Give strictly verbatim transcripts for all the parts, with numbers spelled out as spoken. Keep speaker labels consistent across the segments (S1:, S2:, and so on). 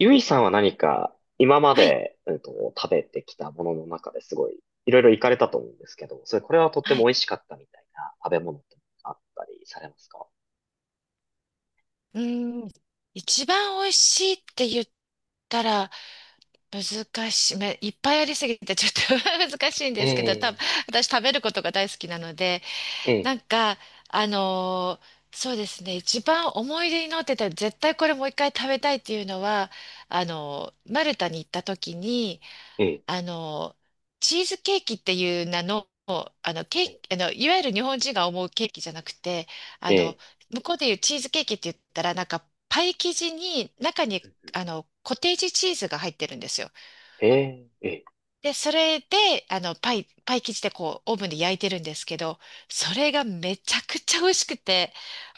S1: ゆいさんは何か今ま
S2: はい、
S1: で、うんと、食べてきたものの中ですごいいろいろ行かれたと思うんですけど、それこれはとって
S2: は
S1: も
S2: い。
S1: 美味しかったみたいな食べ物ってあったりされますか？
S2: うーん。一番美味しいって言ったら難しい。めいっぱいありすぎてちょっと 難しいん
S1: え
S2: ですけど、多分
S1: え、
S2: 私食べることが大好きなので、
S1: ええ、
S2: なんか、あのーそうですね。一番思い出に残ってた、絶対これもう一回食べたいっていうのは、あのーマルタに行った時に、
S1: ええ、
S2: あの、チーズケーキっていう名の、あの、ケーキ、あの、いわゆる日本人が思うケーキじゃなくて、あ
S1: え
S2: の、
S1: え、
S2: 向こうでいうチーズケーキって言ったら、なんか、パイ生地に、中に、あの、コテージチーズが入ってるんですよ。
S1: ええ、ええ、
S2: で、それで、あの、パイ、パイ生地でこう、オーブンで焼いてるんですけど、それがめちゃくちゃ美味しくて、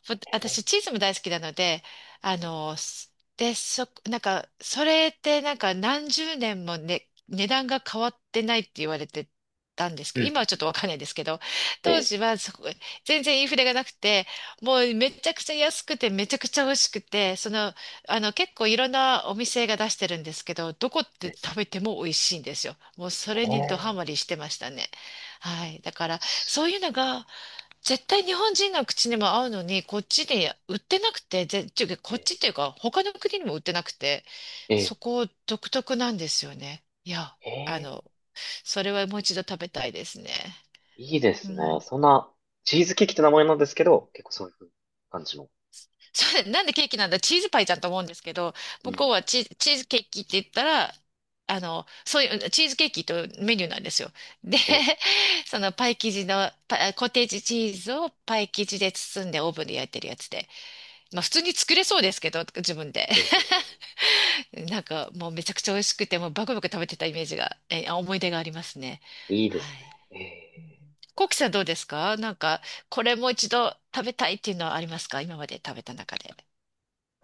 S2: ぼ
S1: ええ、
S2: 私、チーズも大好きなので、あの、すで、そ、なんか、それってなんか何十年もね、値段が変わってないって言われてたんです
S1: う
S2: け
S1: ん
S2: ど、今はちょっ
S1: うん、
S2: とわかんないですけど、
S1: え
S2: 当
S1: え、
S2: 時はそこ、全然インフレがなくて、もうめちゃくちゃ安くて、めちゃくちゃ美味しくて、その、あの、結構いろんなお店が出してるんですけど、どこって
S1: え
S2: 食べても美味しいんですよ。もうそれにドハマ
S1: え、
S2: りしてましたね。はい。だから、
S1: す
S2: そういうのが、絶対日本人の口にも合うのに、こっち
S1: え
S2: で売ってなくて、ぜ、ちゅこっ
S1: え、
S2: ちっていうか、他の国にも売ってなくて、
S1: え
S2: そ
S1: え、
S2: こ独特なんですよね。いや、
S1: え
S2: あ
S1: え、
S2: の、それはもう一度食べたいですね。
S1: いいで
S2: う
S1: すね。
S2: ん、
S1: そんな、チーズケーキって名前なんですけど、結構そういう感じの。
S2: そう、なんでケーキなんだ、チーズパイじゃんと思うんですけど、
S1: う
S2: 向こう
S1: ん。
S2: はチー、チーズケーキって言ったら、あの、そういう、チーズケーキとメニューなんですよ。で、
S1: ええ、
S2: そのパイ生地の、パあコテージチーズをパイ生地で包んでオーブンで焼いてるやつで。まあ普通に作れそうですけど、自分で。
S1: ええ、
S2: なんかもうめちゃくちゃ美味しくて、もうバクバク食べてたイメージが、え、あ思い出がありますね。
S1: いいで
S2: は
S1: す
S2: い。
S1: ね。え、え
S2: コウキさんどうですか？なんか、これもう一度食べたいっていうのはありますか、今まで食べた中で？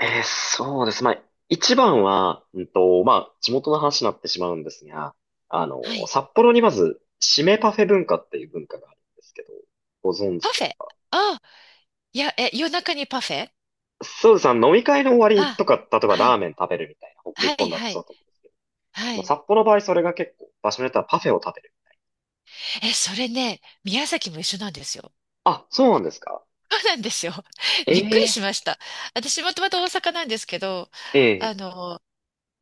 S1: えーそうです。まあ、一番は、うんと、まあ、地元の話になってしまうんですが、あの、
S2: はい。
S1: 札幌にまず、締めパフェ文化っていう文化があるんですけど、ご存
S2: パ
S1: 知で
S2: フェ。
S1: すか？
S2: あ、いや、え、夜中にパフェ。
S1: そうです。あの飲み会の終わりと
S2: あ、
S1: か、例えば
S2: は
S1: ラー
S2: い。
S1: メン食べるみたいな、ほ日
S2: はい、
S1: 本だと
S2: は
S1: そう
S2: い、
S1: だと思うんですけど、
S2: は
S1: まあ、
S2: い。
S1: 札幌の場合それが結構、場所によってはパフェを食べる。
S2: え、それね、宮崎も一緒なんですよ。
S1: あ、そうなんですか？
S2: そうなんですよ。びっくりし
S1: ええ、
S2: ました。私もともと大阪なんですけど、あ
S1: ええ、
S2: の、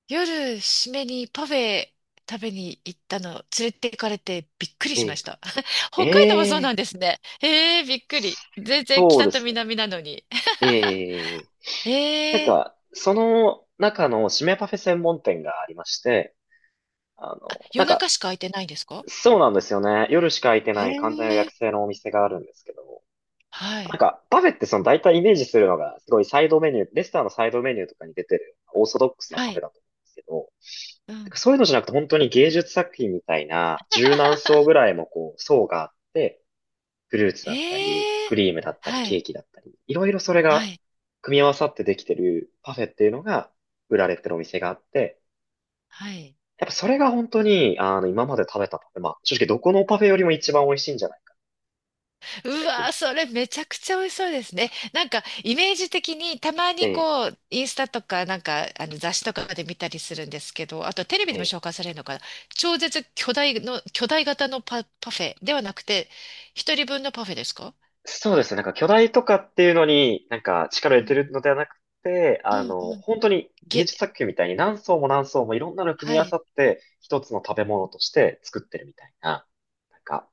S2: 夜、締めにパフェ食べに行ったの、連れて行かれてびっくりしまし
S1: え
S2: た。
S1: え、
S2: 北海道もそうな
S1: え
S2: んです
S1: え、
S2: ね。えー、びっくり。全然
S1: そう
S2: 北
S1: で
S2: と
S1: すね。
S2: 南なのに。
S1: ええ、
S2: え
S1: なん
S2: ー、
S1: か、その中の締めパフェ専門店がありまして、あ
S2: あ、
S1: の、
S2: 夜
S1: なん
S2: 中
S1: か、
S2: しか空いてないんですか？
S1: そうなんですよね。夜しか開いて
S2: え
S1: ない完全予約
S2: ー、
S1: 制のお店があるんですけど、
S2: は
S1: なん
S2: い。
S1: か、パフェってその大体イメージするのが、すごいサイドメニュー、レストランのサイドメニューとかに出てるオーソドックスな
S2: は
S1: パフェ
S2: い。
S1: だと思うんですけど、
S2: う
S1: なん
S2: ん。
S1: かそういうのじゃなくて本当に芸術作品みたいな、柔軟層 ぐらいもこう、層があって、フルーツだったり、
S2: ええ、
S1: クリームだったり、
S2: は
S1: ケー
S2: い。
S1: キだったり、いろいろそれ
S2: は
S1: が
S2: い。
S1: 組み合わさってできてるパフェっていうのが売られてるお店があって、
S2: はい。
S1: やっぱそれが本当に、あの、今まで食べたパフェ、まあ、正直どこのパフェよりも一番美味しいんじゃないか
S2: う
S1: ぐらい気
S2: わ
S1: に入
S2: ー、
S1: っ
S2: それめちゃくちゃ美味しそうですね。なんか、イメージ的に、たま
S1: て
S2: に
S1: て、
S2: こう、インスタとか、なんか、あの、雑誌とかで見たりするんですけど、あと、テレビ
S1: え
S2: でも
S1: え、
S2: 紹介されるのかな。超絶巨大の、巨大型のパ、パフェではなくて、一人分のパフェですか？
S1: そうですね、なんか巨大とかっていうのになんか力を入れ
S2: う
S1: て
S2: ん、
S1: るのではなくて、
S2: う
S1: あ
S2: ん、う
S1: の、
S2: ん。
S1: 本当に芸
S2: げ、
S1: 術作品みたいに何層も何層もいろんなの組
S2: は
S1: み合わ
S2: い。
S1: さって一つの食べ物として作ってるみたいな、なんか、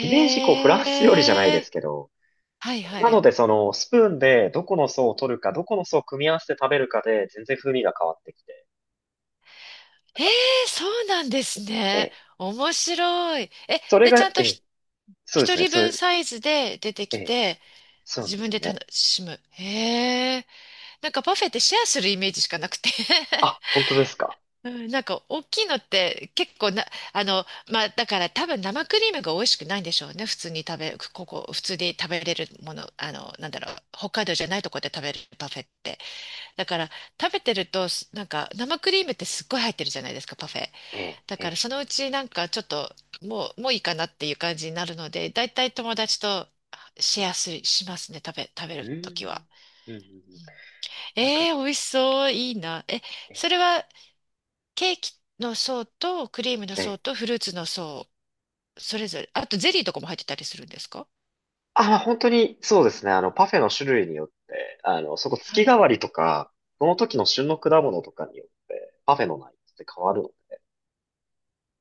S1: イメージこうフランス料理じゃないです
S2: え、
S1: けど、
S2: はい、は
S1: なの
S2: い。
S1: で、その、スプーンでどこの層を取るか、どこの層を組み合わせて食べるかで、全然風味が変わってきて、なん
S2: え
S1: か、
S2: え、そうなんです
S1: え
S2: ね。
S1: え、
S2: 面白い。え、
S1: それ
S2: で、ちゃ
S1: が、
S2: ん
S1: え
S2: と
S1: え、
S2: ひ、
S1: そうで
S2: 一
S1: すね、
S2: 人
S1: そ
S2: 分
S1: う、
S2: サイズで出て
S1: え
S2: き
S1: え、
S2: て、
S1: そうなん
S2: 自
S1: です
S2: 分
S1: よ
S2: で楽
S1: ね。
S2: しむ。へえ。なんかパフェってシェアするイメージしかなくて。
S1: あ、本当ですか。
S2: うん、なんか大きいのって結構な、あの、まあだから多分生クリームが美味しくないんでしょうね。普通に食べ、ここ、普通に食べれるもの、あの、なんだろう、北海道じゃないとこで食べるパフェって。だから食べてると、すなんか生クリームってすっごい入ってるじゃないですか、パフェ。
S1: ええ、
S2: だ
S1: え
S2: から
S1: え、
S2: そのうちなんかちょっともう、もういいかなっていう感じになるので、だいたい友達とシェアする、しますね、食べ、食べ
S1: う
S2: ると
S1: ー
S2: きは。
S1: ん、うん、うん、うん。
S2: うん、
S1: なんか、
S2: えー、美味しそう、いいな。え、
S1: え
S2: それ
S1: え、
S2: はケーキの層とクリームの
S1: ええ。
S2: 層とフルーツの層、それぞれ、あとゼリーとかも入ってたりするんですか？
S1: あ、まあ本当に、そうですね、あの、パフェの種類によって、あの、そこ
S2: は
S1: 月
S2: い。
S1: 替わりとか、その時の旬の果物とかによって、パフェの内容って変わるので、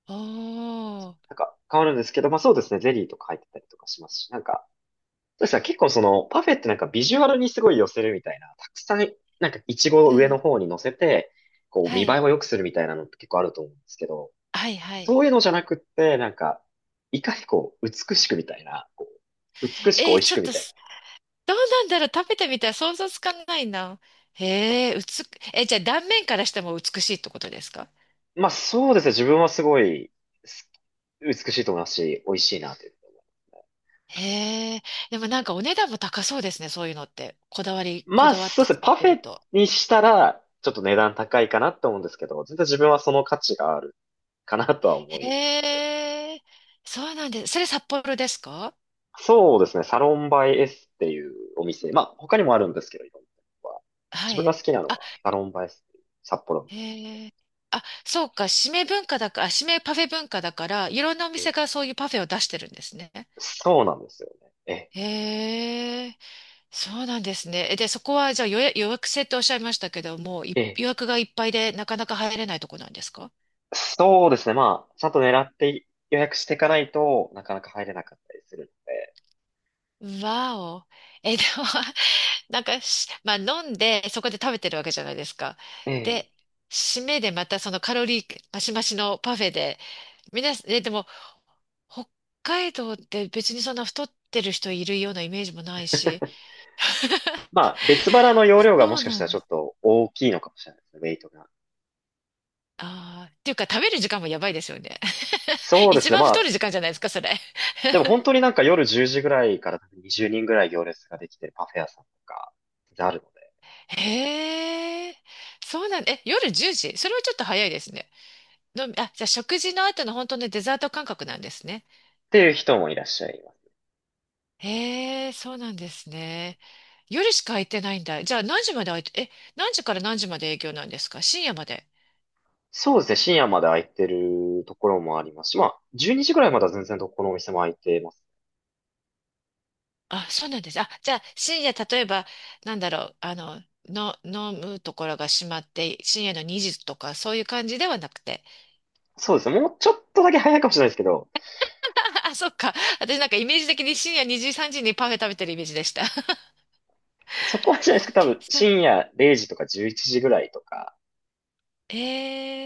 S2: おー、
S1: なんか、変わるんですけど、まあそうですね、ゼリーとか入ってたりとかしますし、なんか、そうですね。結構その、パフェってなんかビジュアルにすごい寄せるみたいな、たくさん、なんかイチゴを
S2: う
S1: 上の
S2: ん、
S1: 方に乗せて、こう
S2: は
S1: 見栄え
S2: い、
S1: を良くするみたいなのって結構あると思うんですけど、
S2: はい、はい。
S1: そういうのじゃなくって、なんか、いかにこう、美しくみたいな、美しく美
S2: えー、
S1: 味し
S2: ちょっ
S1: くみ
S2: と
S1: たい
S2: す、どうなんだろう、食べてみたら想像つかないな。へえ、うつ、え、じゃあ断面からしても美しいってことですか？
S1: な。まあそうですね。自分はすごい、す美しいと思いますし、美味しいなというふうに思いますね。
S2: へえ。でもなんかお値段も高そうですね、そういうのって。こだわり、こ
S1: まあ
S2: だわっ
S1: そ
S2: て
S1: うですね。
S2: 作っ
S1: パ
S2: て
S1: フ
S2: る
S1: ェ
S2: と。
S1: にしたら、ちょっと値段高いかなと思うんですけど、全然自分はその価値があるかなとは思い、
S2: へえ。そうなんです。それ札幌ですか？
S1: そうですね。サロンバイ S っていうお店。まあ、他にもあるんですけど、いろんなとこは。自
S2: は
S1: 分が
S2: い。
S1: 好きなの
S2: あ、
S1: は、サロンバイ S っていう札幌の。
S2: へえ。あ、そうか。締め文化だから、あ締めパフェ文化だから、いろんなお
S1: え、
S2: 店がそういうパフェを出してるんですね。
S1: そうなんですよね。
S2: へえ。そうなんですね。えで、そこはじゃあ予約、予約制っておっしゃいましたけども、い
S1: え、え、
S2: 予約がいっぱいでなかなか入れないとこなんですか？
S1: そうですね。まあ、ちゃんと狙って予約していかないとなかなか入れなかったりする
S2: わお。え、でも なんかし、まあ飲んで、そこで食べてるわけじゃないですか。
S1: ので。ええ。
S2: で、締めでまたそのカロリーマシマシのパフェで、皆さん、え、でも、北海道って別にそんな太ってる人いるようなイメージもないし、
S1: まあ、別腹の容量がも
S2: そう
S1: しかし
S2: な
S1: た
S2: ん
S1: らち
S2: で
S1: ょ
S2: す。
S1: っと大きいのかもしれないですね、ウェイトが。
S2: ああ、っていうか食べる時間もやばいですよね。
S1: そ うで
S2: 一
S1: すね。
S2: 番
S1: ま
S2: 太
S1: あ、
S2: る時間じゃないですか、それ。
S1: でも本当になんか夜じゅうじぐらいからにじゅうにんぐらい行列ができてるパフェ屋さんとか、全然あるので。
S2: へえ、そうなん、え、夜じゅうじそれはちょっと早いですね。のみ、あ、じゃあ食事の後の本当のデザート感覚なんですね。
S1: っていう人もいらっしゃいます。
S2: へえ、そうなんですね。夜しか空いてないんだ。じゃあ何時まで空いて、え、何時から何時まで営業なんですか？深夜まで。
S1: そうですね、深夜まで空いてるところもありますし、まあ、じゅうにじぐらいまでは全然どこのお店も空いてます。
S2: あ、そうなんです。あ、じゃあ深夜、例えば、なんだろう、あの、の、飲むところが閉まって、深夜のにじとか、そういう感じではなくて。
S1: そうですね、もうちょっとだけ早いかもしれないですけど、
S2: あ、そっか。私なんかイメージ的に深夜にじ、さんじにパフェ食べてるイメージでした。
S1: そこはじゃないですけど、多分
S2: そ
S1: 深夜れいじとかじゅういちじぐらいとか、
S2: え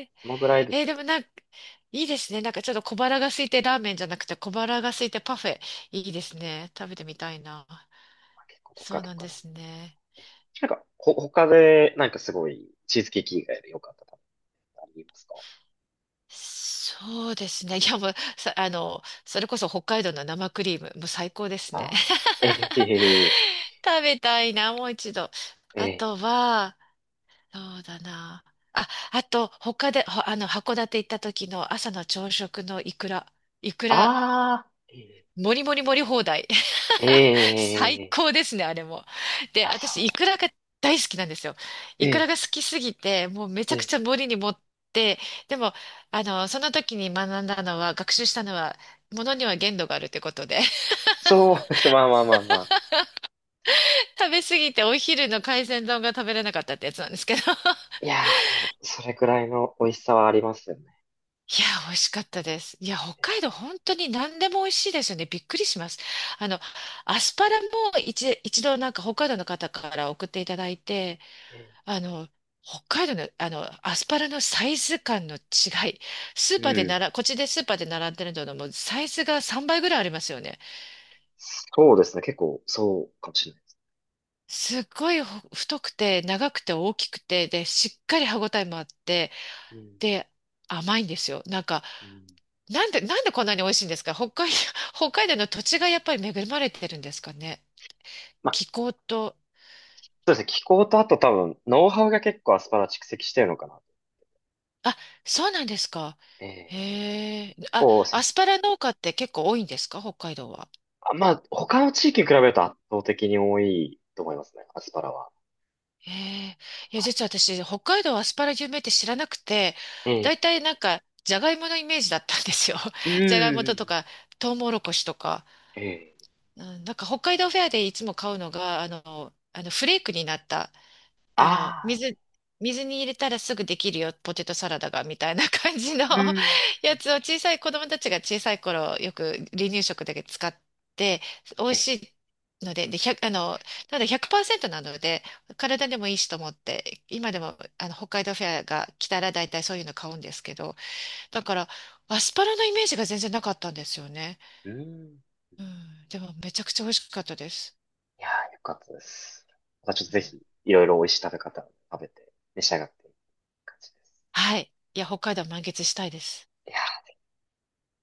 S2: ー、
S1: そのぐらいです
S2: えー
S1: か
S2: でも
S1: ね。
S2: なんか、いいですね。なんかちょっと小腹が空いてラーメンじゃなくて小腹が空いてパフェ。いいですね。食べてみたいな。
S1: まあ、結構と
S2: そ
S1: か
S2: う
S1: と
S2: なん
S1: か
S2: で
S1: なん
S2: すね。
S1: でね。なんか、ほ、他で、なんかすごい、チーズケーキ以外で良かった食べ物ってありますか？
S2: そうですね。いや、もう、さ、あの、それこそ北海道の生クリーム、もう最高です
S1: あ
S2: ね。
S1: あー、ええ、
S2: 食べたいな、もう一度。あ
S1: ええ、
S2: とは、そうだな。あ、あと、他で、ほあの、函館行った時の朝の朝食のイクラ。イク
S1: あ
S2: ラ
S1: あー、え
S2: もりもりもり放題。最
S1: え、ええ、
S2: 高ですね、あれも。で、
S1: まあそ
S2: 私、
S1: う
S2: イ
S1: で
S2: ク
S1: す。
S2: ラが大好きなんですよ。イクラ
S1: え
S2: が好
S1: え、
S2: きすぎて、もうめちゃ
S1: え
S2: く
S1: え、
S2: ちゃ盛りに盛って、でも、あの、その時に学んだのは、学習したのは、ものには限度があるってことで、
S1: そうです。まあまあまあまあ。
S2: 食べ過ぎてお昼の海鮮丼が食べれなかったってやつなんですけど。
S1: いやー、でも、それくらいの美味しさはありますよね。
S2: いや、美味しかったです。いや、北海道本当に何でも美味しいですよね。びっくりします。あの、アスパラも一、一度なんか北海道の方から送っていただいて、
S1: ええ、
S2: あの、北海道の、あの、アスパラのサイズ感の違い。スー
S1: う
S2: パーでな
S1: ん。
S2: ら、こっちでスーパーで並んでるののもうサイズがさんばいぐらいありますよね。
S1: そうですね。結構、そうかもしれないです。
S2: すっごいほ太くて、長くて、大きくて、で、しっかり歯ごたえもあって、
S1: うん、
S2: で、甘いんですよ。なんか、
S1: うん、
S2: なんで、なんでこんなに美味しいんですか？北海、北海道の土地がやっぱり恵まれてるんですかね。
S1: まあ、
S2: 気候と、
S1: そうですね。気候とあと多分、ノウハウが結構アスパラ蓄積してるのかな。
S2: あ、そうなんですか。
S1: ええ、
S2: へえ。あ、
S1: こう、
S2: ア
S1: そ
S2: スパラ農家って結構多いんですか？北海道は。
S1: あまあ、他の地域に比べると圧倒的に多いと思いますね。アスパラは。
S2: ええ、いや、実は私、北海道はアスパラ有名って知らなくて、
S1: ええ、
S2: 大体なんか、じゃがいものイメージだったんですよ。
S1: う
S2: じゃがいもとと
S1: ん。
S2: か、トウモロコシとか。
S1: ええ、
S2: うん、なんか北海道フェアでいつも買うのが、あの、あのフレークになったあの、
S1: ああ、
S2: 水、水に入れたらすぐできるよ、ポテトサラダが、みたいな感じの
S1: う ん。
S2: やつを小さい子供たちが小さい頃よく離乳食だけ使って、美味
S1: え、
S2: しいので、で、いちあの、ただひゃくパーセントなので、体でもいいしと思って、今でもあの北海道フェアが来たら大体そういうの買うんですけど、だからアスパラのイメージが全然なかったんですよね。
S1: うん。
S2: うん、でもめちゃくちゃ美味しかったです。
S1: いやー、よかったです。またちょっと
S2: う
S1: ぜひ、
S2: ん、
S1: いろいろ美味しい食べ方を食べて、召し上がっていく感じです。
S2: はい。いや、北海道満喫したいです。
S1: いや